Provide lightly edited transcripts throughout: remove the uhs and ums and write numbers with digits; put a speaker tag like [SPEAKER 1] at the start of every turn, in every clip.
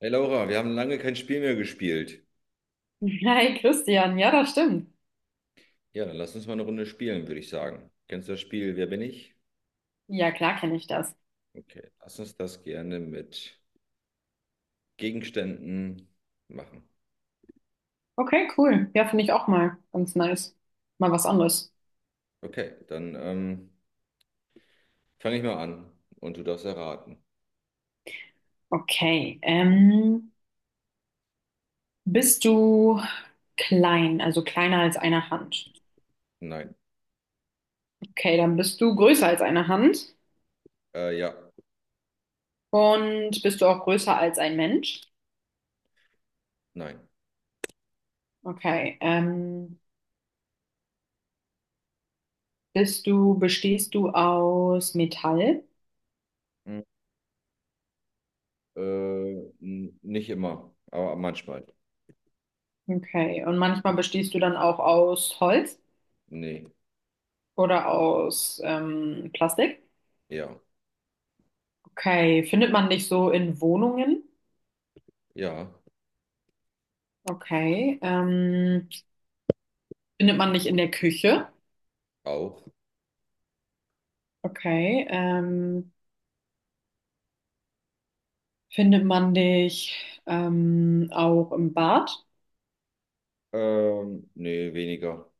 [SPEAKER 1] Hey Laura, wir haben lange kein Spiel mehr gespielt.
[SPEAKER 2] Hi Christian, ja, das stimmt.
[SPEAKER 1] Ja, dann lass uns mal eine Runde spielen, würde ich sagen. Kennst du das Spiel Wer bin ich?
[SPEAKER 2] Ja, klar kenne ich das.
[SPEAKER 1] Okay, lass uns das gerne mit Gegenständen machen.
[SPEAKER 2] Okay, cool. Ja, finde ich auch mal ganz nice. Mal was anderes.
[SPEAKER 1] Okay, dann fange ich mal an und du darfst erraten.
[SPEAKER 2] Okay, bist du klein, also kleiner als eine Hand?
[SPEAKER 1] Nein,
[SPEAKER 2] Okay, dann bist du größer als eine Hand
[SPEAKER 1] ja,
[SPEAKER 2] und bist du auch größer als ein Mensch?
[SPEAKER 1] nein.
[SPEAKER 2] Okay, bestehst du aus Metall?
[SPEAKER 1] Hm, Äh, Nicht immer, aber manchmal.
[SPEAKER 2] Okay, und manchmal bestehst du dann auch aus Holz
[SPEAKER 1] Nee,
[SPEAKER 2] oder aus Plastik?
[SPEAKER 1] ja,
[SPEAKER 2] Okay, findet man nicht so in Wohnungen?
[SPEAKER 1] ja,
[SPEAKER 2] Okay, findet man nicht in der Küche?
[SPEAKER 1] auch.
[SPEAKER 2] Okay, findet man dich auch im Bad?
[SPEAKER 1] Nee, weniger.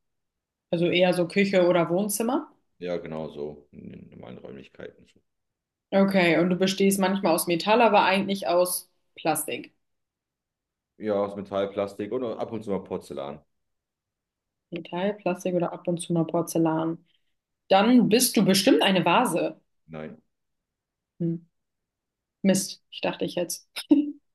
[SPEAKER 2] Also eher so Küche oder Wohnzimmer?
[SPEAKER 1] Ja, genau so. In den normalen Räumlichkeiten.
[SPEAKER 2] Okay, und du bestehst manchmal aus Metall, aber eigentlich aus Plastik.
[SPEAKER 1] Ja, aus Metall, Plastik und ab und zu mal Porzellan.
[SPEAKER 2] Metall, Plastik oder ab und zu mal Porzellan. Dann bist du bestimmt eine Vase.
[SPEAKER 1] Nein.
[SPEAKER 2] Hm. Mist, ich dachte ich jetzt.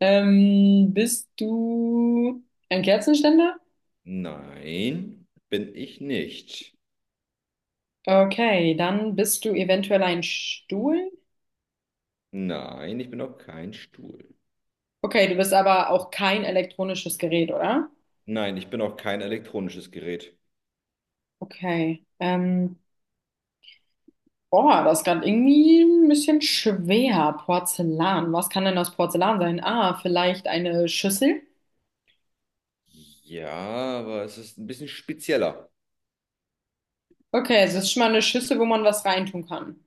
[SPEAKER 2] Bist du ein Kerzenständer?
[SPEAKER 1] Nein, bin ich nicht.
[SPEAKER 2] Okay, dann bist du eventuell ein Stuhl.
[SPEAKER 1] Nein, ich bin auch kein Stuhl.
[SPEAKER 2] Okay, du bist aber auch kein elektronisches Gerät, oder?
[SPEAKER 1] Nein, ich bin auch kein elektronisches Gerät.
[SPEAKER 2] Okay. Boah, das ist gerade irgendwie ein bisschen schwer. Porzellan. Was kann denn aus Porzellan sein? Ah, vielleicht eine Schüssel?
[SPEAKER 1] Ja, aber es ist ein bisschen spezieller.
[SPEAKER 2] Okay, es ist schon mal eine Schüssel, wo man was reintun kann.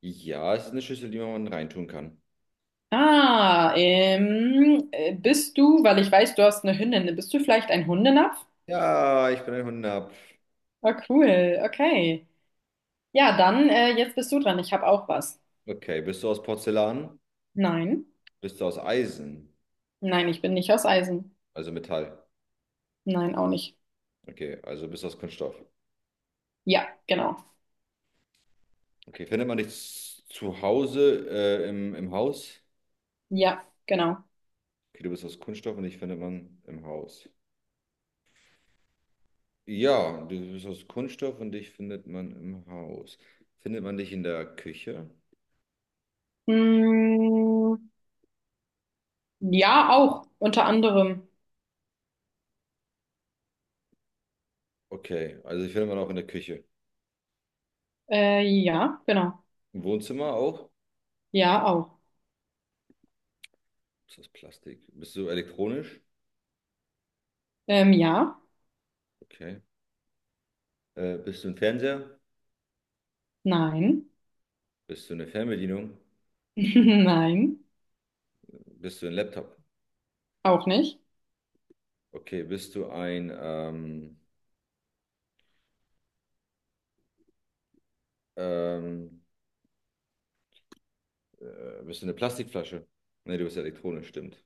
[SPEAKER 1] Ja, es ist eine Schüssel, die man reintun kann.
[SPEAKER 2] Weil ich weiß, du hast eine Hündin, bist du vielleicht ein Hundenapf?
[SPEAKER 1] Ja, ich bin ein Hundab.
[SPEAKER 2] Ah, cool, okay. Ja, dann, jetzt bist du dran. Ich habe auch was.
[SPEAKER 1] Okay, bist du aus Porzellan?
[SPEAKER 2] Nein.
[SPEAKER 1] Bist du aus Eisen?
[SPEAKER 2] Nein, ich bin nicht aus Eisen.
[SPEAKER 1] Also Metall.
[SPEAKER 2] Nein, auch nicht.
[SPEAKER 1] Okay, also bist du aus Kunststoff.
[SPEAKER 2] Ja, genau.
[SPEAKER 1] Okay, findet man dich zu Hause im, im Haus?
[SPEAKER 2] Ja, genau.
[SPEAKER 1] Okay, du bist aus Kunststoff und dich findet man im Haus. Ja, du bist aus Kunststoff und dich findet man im Haus. Findet man dich in der Küche?
[SPEAKER 2] Mm, ja, auch. Unter anderem.
[SPEAKER 1] Okay, also dich findet man auch in der Küche.
[SPEAKER 2] Ja, genau.
[SPEAKER 1] Im Wohnzimmer auch?
[SPEAKER 2] Ja, auch.
[SPEAKER 1] Ist das Plastik? Bist du elektronisch?
[SPEAKER 2] Ja,
[SPEAKER 1] Okay. Bist du ein Fernseher?
[SPEAKER 2] nein.
[SPEAKER 1] Bist du eine Fernbedienung?
[SPEAKER 2] Nein,
[SPEAKER 1] Bist du ein Laptop?
[SPEAKER 2] auch nicht.
[SPEAKER 1] Okay, bist du ein, ähm, bist du eine Plastikflasche? Nee, du bist elektronisch, stimmt.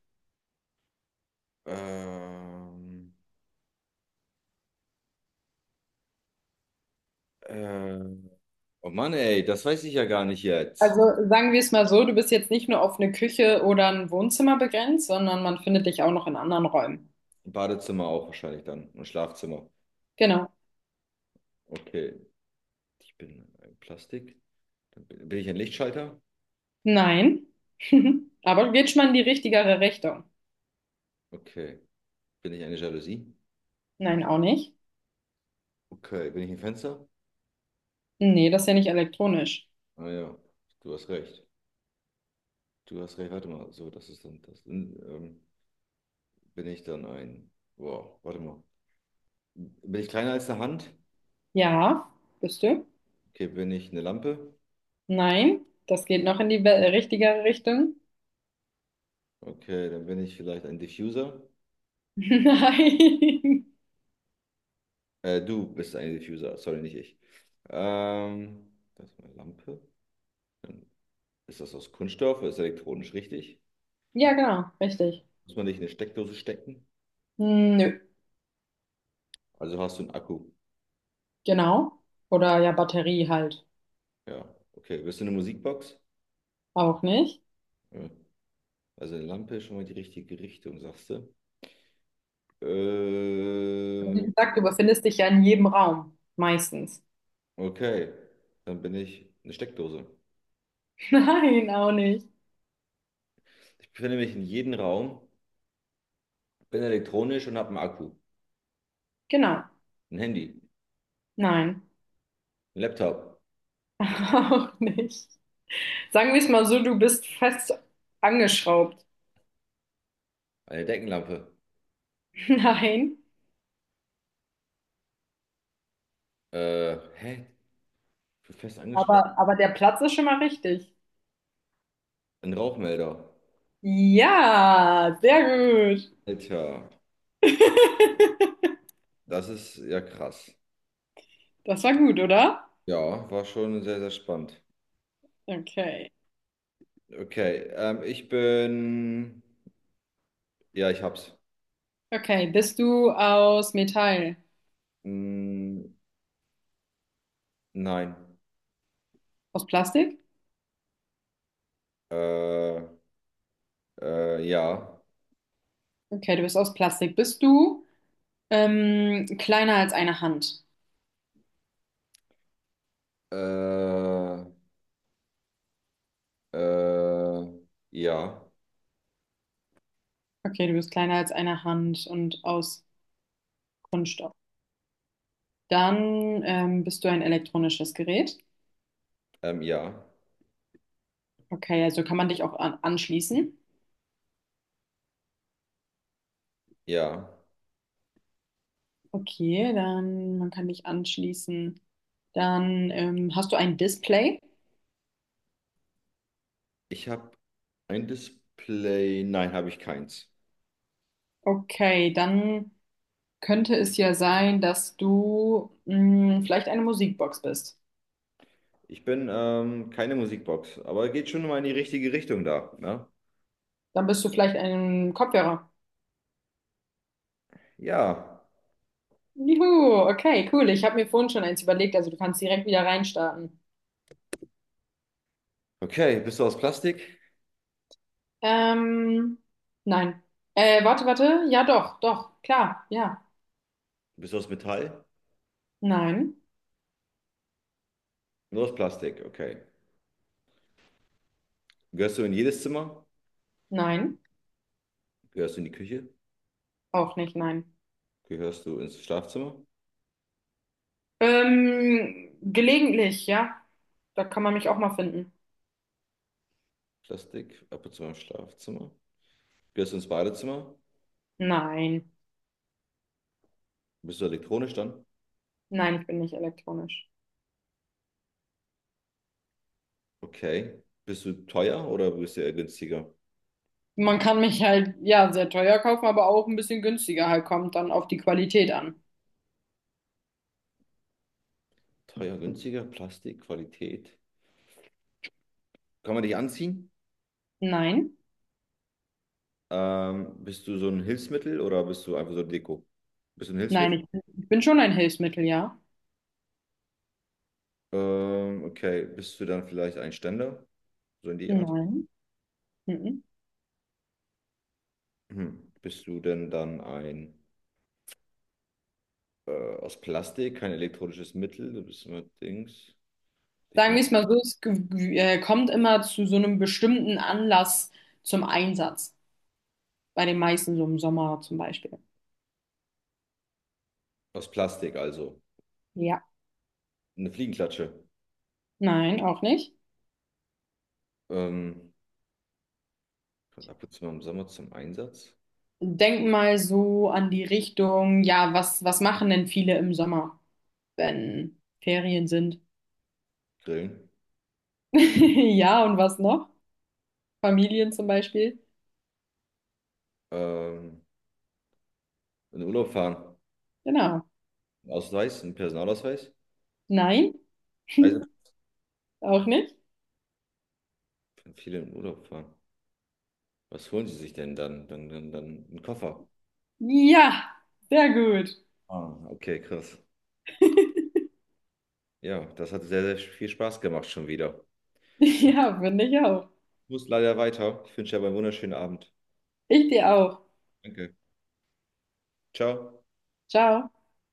[SPEAKER 1] Ähm, äh, oh Mann, ey, das weiß ich ja gar nicht jetzt.
[SPEAKER 2] Also sagen wir es mal so, du bist jetzt nicht nur auf eine Küche oder ein Wohnzimmer begrenzt, sondern man findet dich auch noch in anderen Räumen.
[SPEAKER 1] Badezimmer auch wahrscheinlich dann und Schlafzimmer.
[SPEAKER 2] Genau.
[SPEAKER 1] Okay, ich bin ein Plastik. Dann bin ich ein Lichtschalter?
[SPEAKER 2] Nein. Aber geht schon mal in die richtigere Richtung.
[SPEAKER 1] Okay. Bin ich eine Jalousie?
[SPEAKER 2] Nein, auch nicht.
[SPEAKER 1] Okay. Bin ich ein Fenster?
[SPEAKER 2] Nee, das ist ja nicht elektronisch.
[SPEAKER 1] Ah ja, du hast recht. Du hast recht. Warte mal. So, das ist dann das. Bin ich dann ein. Wow, warte mal. Bin ich kleiner als eine Hand?
[SPEAKER 2] Ja, bist du?
[SPEAKER 1] Okay, bin ich eine Lampe?
[SPEAKER 2] Nein, das geht noch in die richtigere Richtung.
[SPEAKER 1] Okay, dann bin ich vielleicht ein Diffuser.
[SPEAKER 2] Nein.
[SPEAKER 1] Du bist ein Diffuser, sorry, nicht ich. Das ist meine Lampe. Dann ist das aus Kunststoff, ist elektronisch richtig?
[SPEAKER 2] Ja, genau, richtig.
[SPEAKER 1] Muss man nicht in eine Steckdose stecken?
[SPEAKER 2] Hm, nö,
[SPEAKER 1] Also hast du einen Akku.
[SPEAKER 2] genau. Oder ja, Batterie halt.
[SPEAKER 1] Ja, okay. Willst du eine Musikbox?
[SPEAKER 2] Auch nicht.
[SPEAKER 1] Ja. Also eine Lampe ist schon mal die richtige Richtung, sagst du.
[SPEAKER 2] Also
[SPEAKER 1] Äh,
[SPEAKER 2] wie gesagt, du befindest dich ja in jedem Raum. Meistens.
[SPEAKER 1] okay, dann bin ich eine Steckdose.
[SPEAKER 2] Nein, auch nicht.
[SPEAKER 1] Ich befinde mich in jedem Raum, bin elektronisch und habe einen Akku,
[SPEAKER 2] Genau.
[SPEAKER 1] ein Handy,
[SPEAKER 2] Nein,
[SPEAKER 1] einen Laptop,
[SPEAKER 2] auch nicht. Sagen wir es mal so, du bist fest angeschraubt.
[SPEAKER 1] eine Deckenlampe.
[SPEAKER 2] Nein,
[SPEAKER 1] Hä? Ich bin fest angeschraubt.
[SPEAKER 2] aber der Platz ist schon mal richtig.
[SPEAKER 1] Ein Rauchmelder.
[SPEAKER 2] Ja, sehr gut.
[SPEAKER 1] Alter, das ist ja krass.
[SPEAKER 2] Das war gut, oder?
[SPEAKER 1] Ja, war schon sehr, sehr spannend.
[SPEAKER 2] Okay.
[SPEAKER 1] Okay, ich bin Ja, ich hab's.
[SPEAKER 2] Okay, bist du aus Metall?
[SPEAKER 1] Mm, nein.
[SPEAKER 2] Aus Plastik?
[SPEAKER 1] Äh, ja.
[SPEAKER 2] Okay, du bist aus Plastik. Bist du kleiner als eine Hand?
[SPEAKER 1] Äh, äh, ja.
[SPEAKER 2] Okay, du bist kleiner als eine Hand und aus Kunststoff. Dann bist du ein elektronisches Gerät.
[SPEAKER 1] Ja.
[SPEAKER 2] Okay, also kann man dich auch an anschließen.
[SPEAKER 1] Ja.
[SPEAKER 2] Okay, dann man kann dich anschließen. Dann hast du ein Display.
[SPEAKER 1] Ich hab ein Display. Nein, habe ich keins.
[SPEAKER 2] Okay, dann könnte es ja sein, dass du mh, vielleicht eine Musikbox bist.
[SPEAKER 1] Ich bin keine Musikbox, aber geht schon mal in die richtige Richtung da. Ne?
[SPEAKER 2] Dann bist du vielleicht ein Kopfhörer.
[SPEAKER 1] Ja.
[SPEAKER 2] Juhu, okay, cool. Ich habe mir vorhin schon eins überlegt, also du kannst direkt wieder reinstarten.
[SPEAKER 1] Okay. Bist du aus Plastik?
[SPEAKER 2] Ähm, nein. Warte, warte. Ja, doch, doch, klar, ja.
[SPEAKER 1] Bist du aus Metall?
[SPEAKER 2] Nein,
[SPEAKER 1] Nur aus Plastik. Okay. Gehörst du in jedes Zimmer?
[SPEAKER 2] nein,
[SPEAKER 1] Gehörst du in die Küche?
[SPEAKER 2] auch nicht, nein.
[SPEAKER 1] Gehörst du ins Schlafzimmer?
[SPEAKER 2] Gelegentlich, ja. Da kann man mich auch mal finden.
[SPEAKER 1] Plastik, ab und zu mal im Schlafzimmer. Gehst ins Badezimmer?
[SPEAKER 2] Nein,
[SPEAKER 1] Bist du elektronisch dann?
[SPEAKER 2] nein, ich bin nicht elektronisch.
[SPEAKER 1] Okay. Bist du teuer oder bist du eher günstiger?
[SPEAKER 2] Man kann mich halt, ja, sehr teuer kaufen, aber auch ein bisschen günstiger halt, kommt dann auf die Qualität an.
[SPEAKER 1] Teuer, günstiger, Plastik, Qualität. Kann man dich anziehen?
[SPEAKER 2] Nein,
[SPEAKER 1] Bist du so ein Hilfsmittel oder bist du einfach so ein Deko? Bist du ein
[SPEAKER 2] nein,
[SPEAKER 1] Hilfsmittel?
[SPEAKER 2] ich bin schon ein Hilfsmittel, ja.
[SPEAKER 1] Okay. Bist du dann vielleicht ein Ständer? So in die Art?
[SPEAKER 2] Nein. Mhm.
[SPEAKER 1] Hm. Bist du denn dann ein aus Plastik, kein elektronisches Mittel? Du bist immer Dings. Ich
[SPEAKER 2] Sagen wir
[SPEAKER 1] finde,
[SPEAKER 2] es mal so, es kommt immer zu so einem bestimmten Anlass zum Einsatz. Bei den meisten, so im Sommer zum Beispiel.
[SPEAKER 1] aus Plastik also.
[SPEAKER 2] Ja.
[SPEAKER 1] Eine Fliegenklatsche.
[SPEAKER 2] Nein, auch nicht.
[SPEAKER 1] Ähm, Kommt ab und zu mal im Sommer zum Einsatz.
[SPEAKER 2] Denk mal so an die Richtung, ja, was, was machen denn viele im Sommer, wenn Ferien sind?
[SPEAKER 1] Grillen.
[SPEAKER 2] Ja, und was noch? Familien zum Beispiel.
[SPEAKER 1] Ähm, in den Urlaub fahren.
[SPEAKER 2] Genau.
[SPEAKER 1] Einen Ausweis, ein Personalausweis.
[SPEAKER 2] Nein,
[SPEAKER 1] Also
[SPEAKER 2] auch nicht.
[SPEAKER 1] viele in den Urlaub fahren. Was holen sie sich denn dann? Dann einen Koffer.
[SPEAKER 2] Ja, sehr gut.
[SPEAKER 1] Ah, okay, krass. Ja, das hat sehr, sehr viel Spaß gemacht schon wieder.
[SPEAKER 2] Ja, finde ich auch.
[SPEAKER 1] Ich muss leider weiter. Ich wünsche dir aber einen wunderschönen Abend.
[SPEAKER 2] Ich dir auch.
[SPEAKER 1] Danke. Ciao.
[SPEAKER 2] Ciao.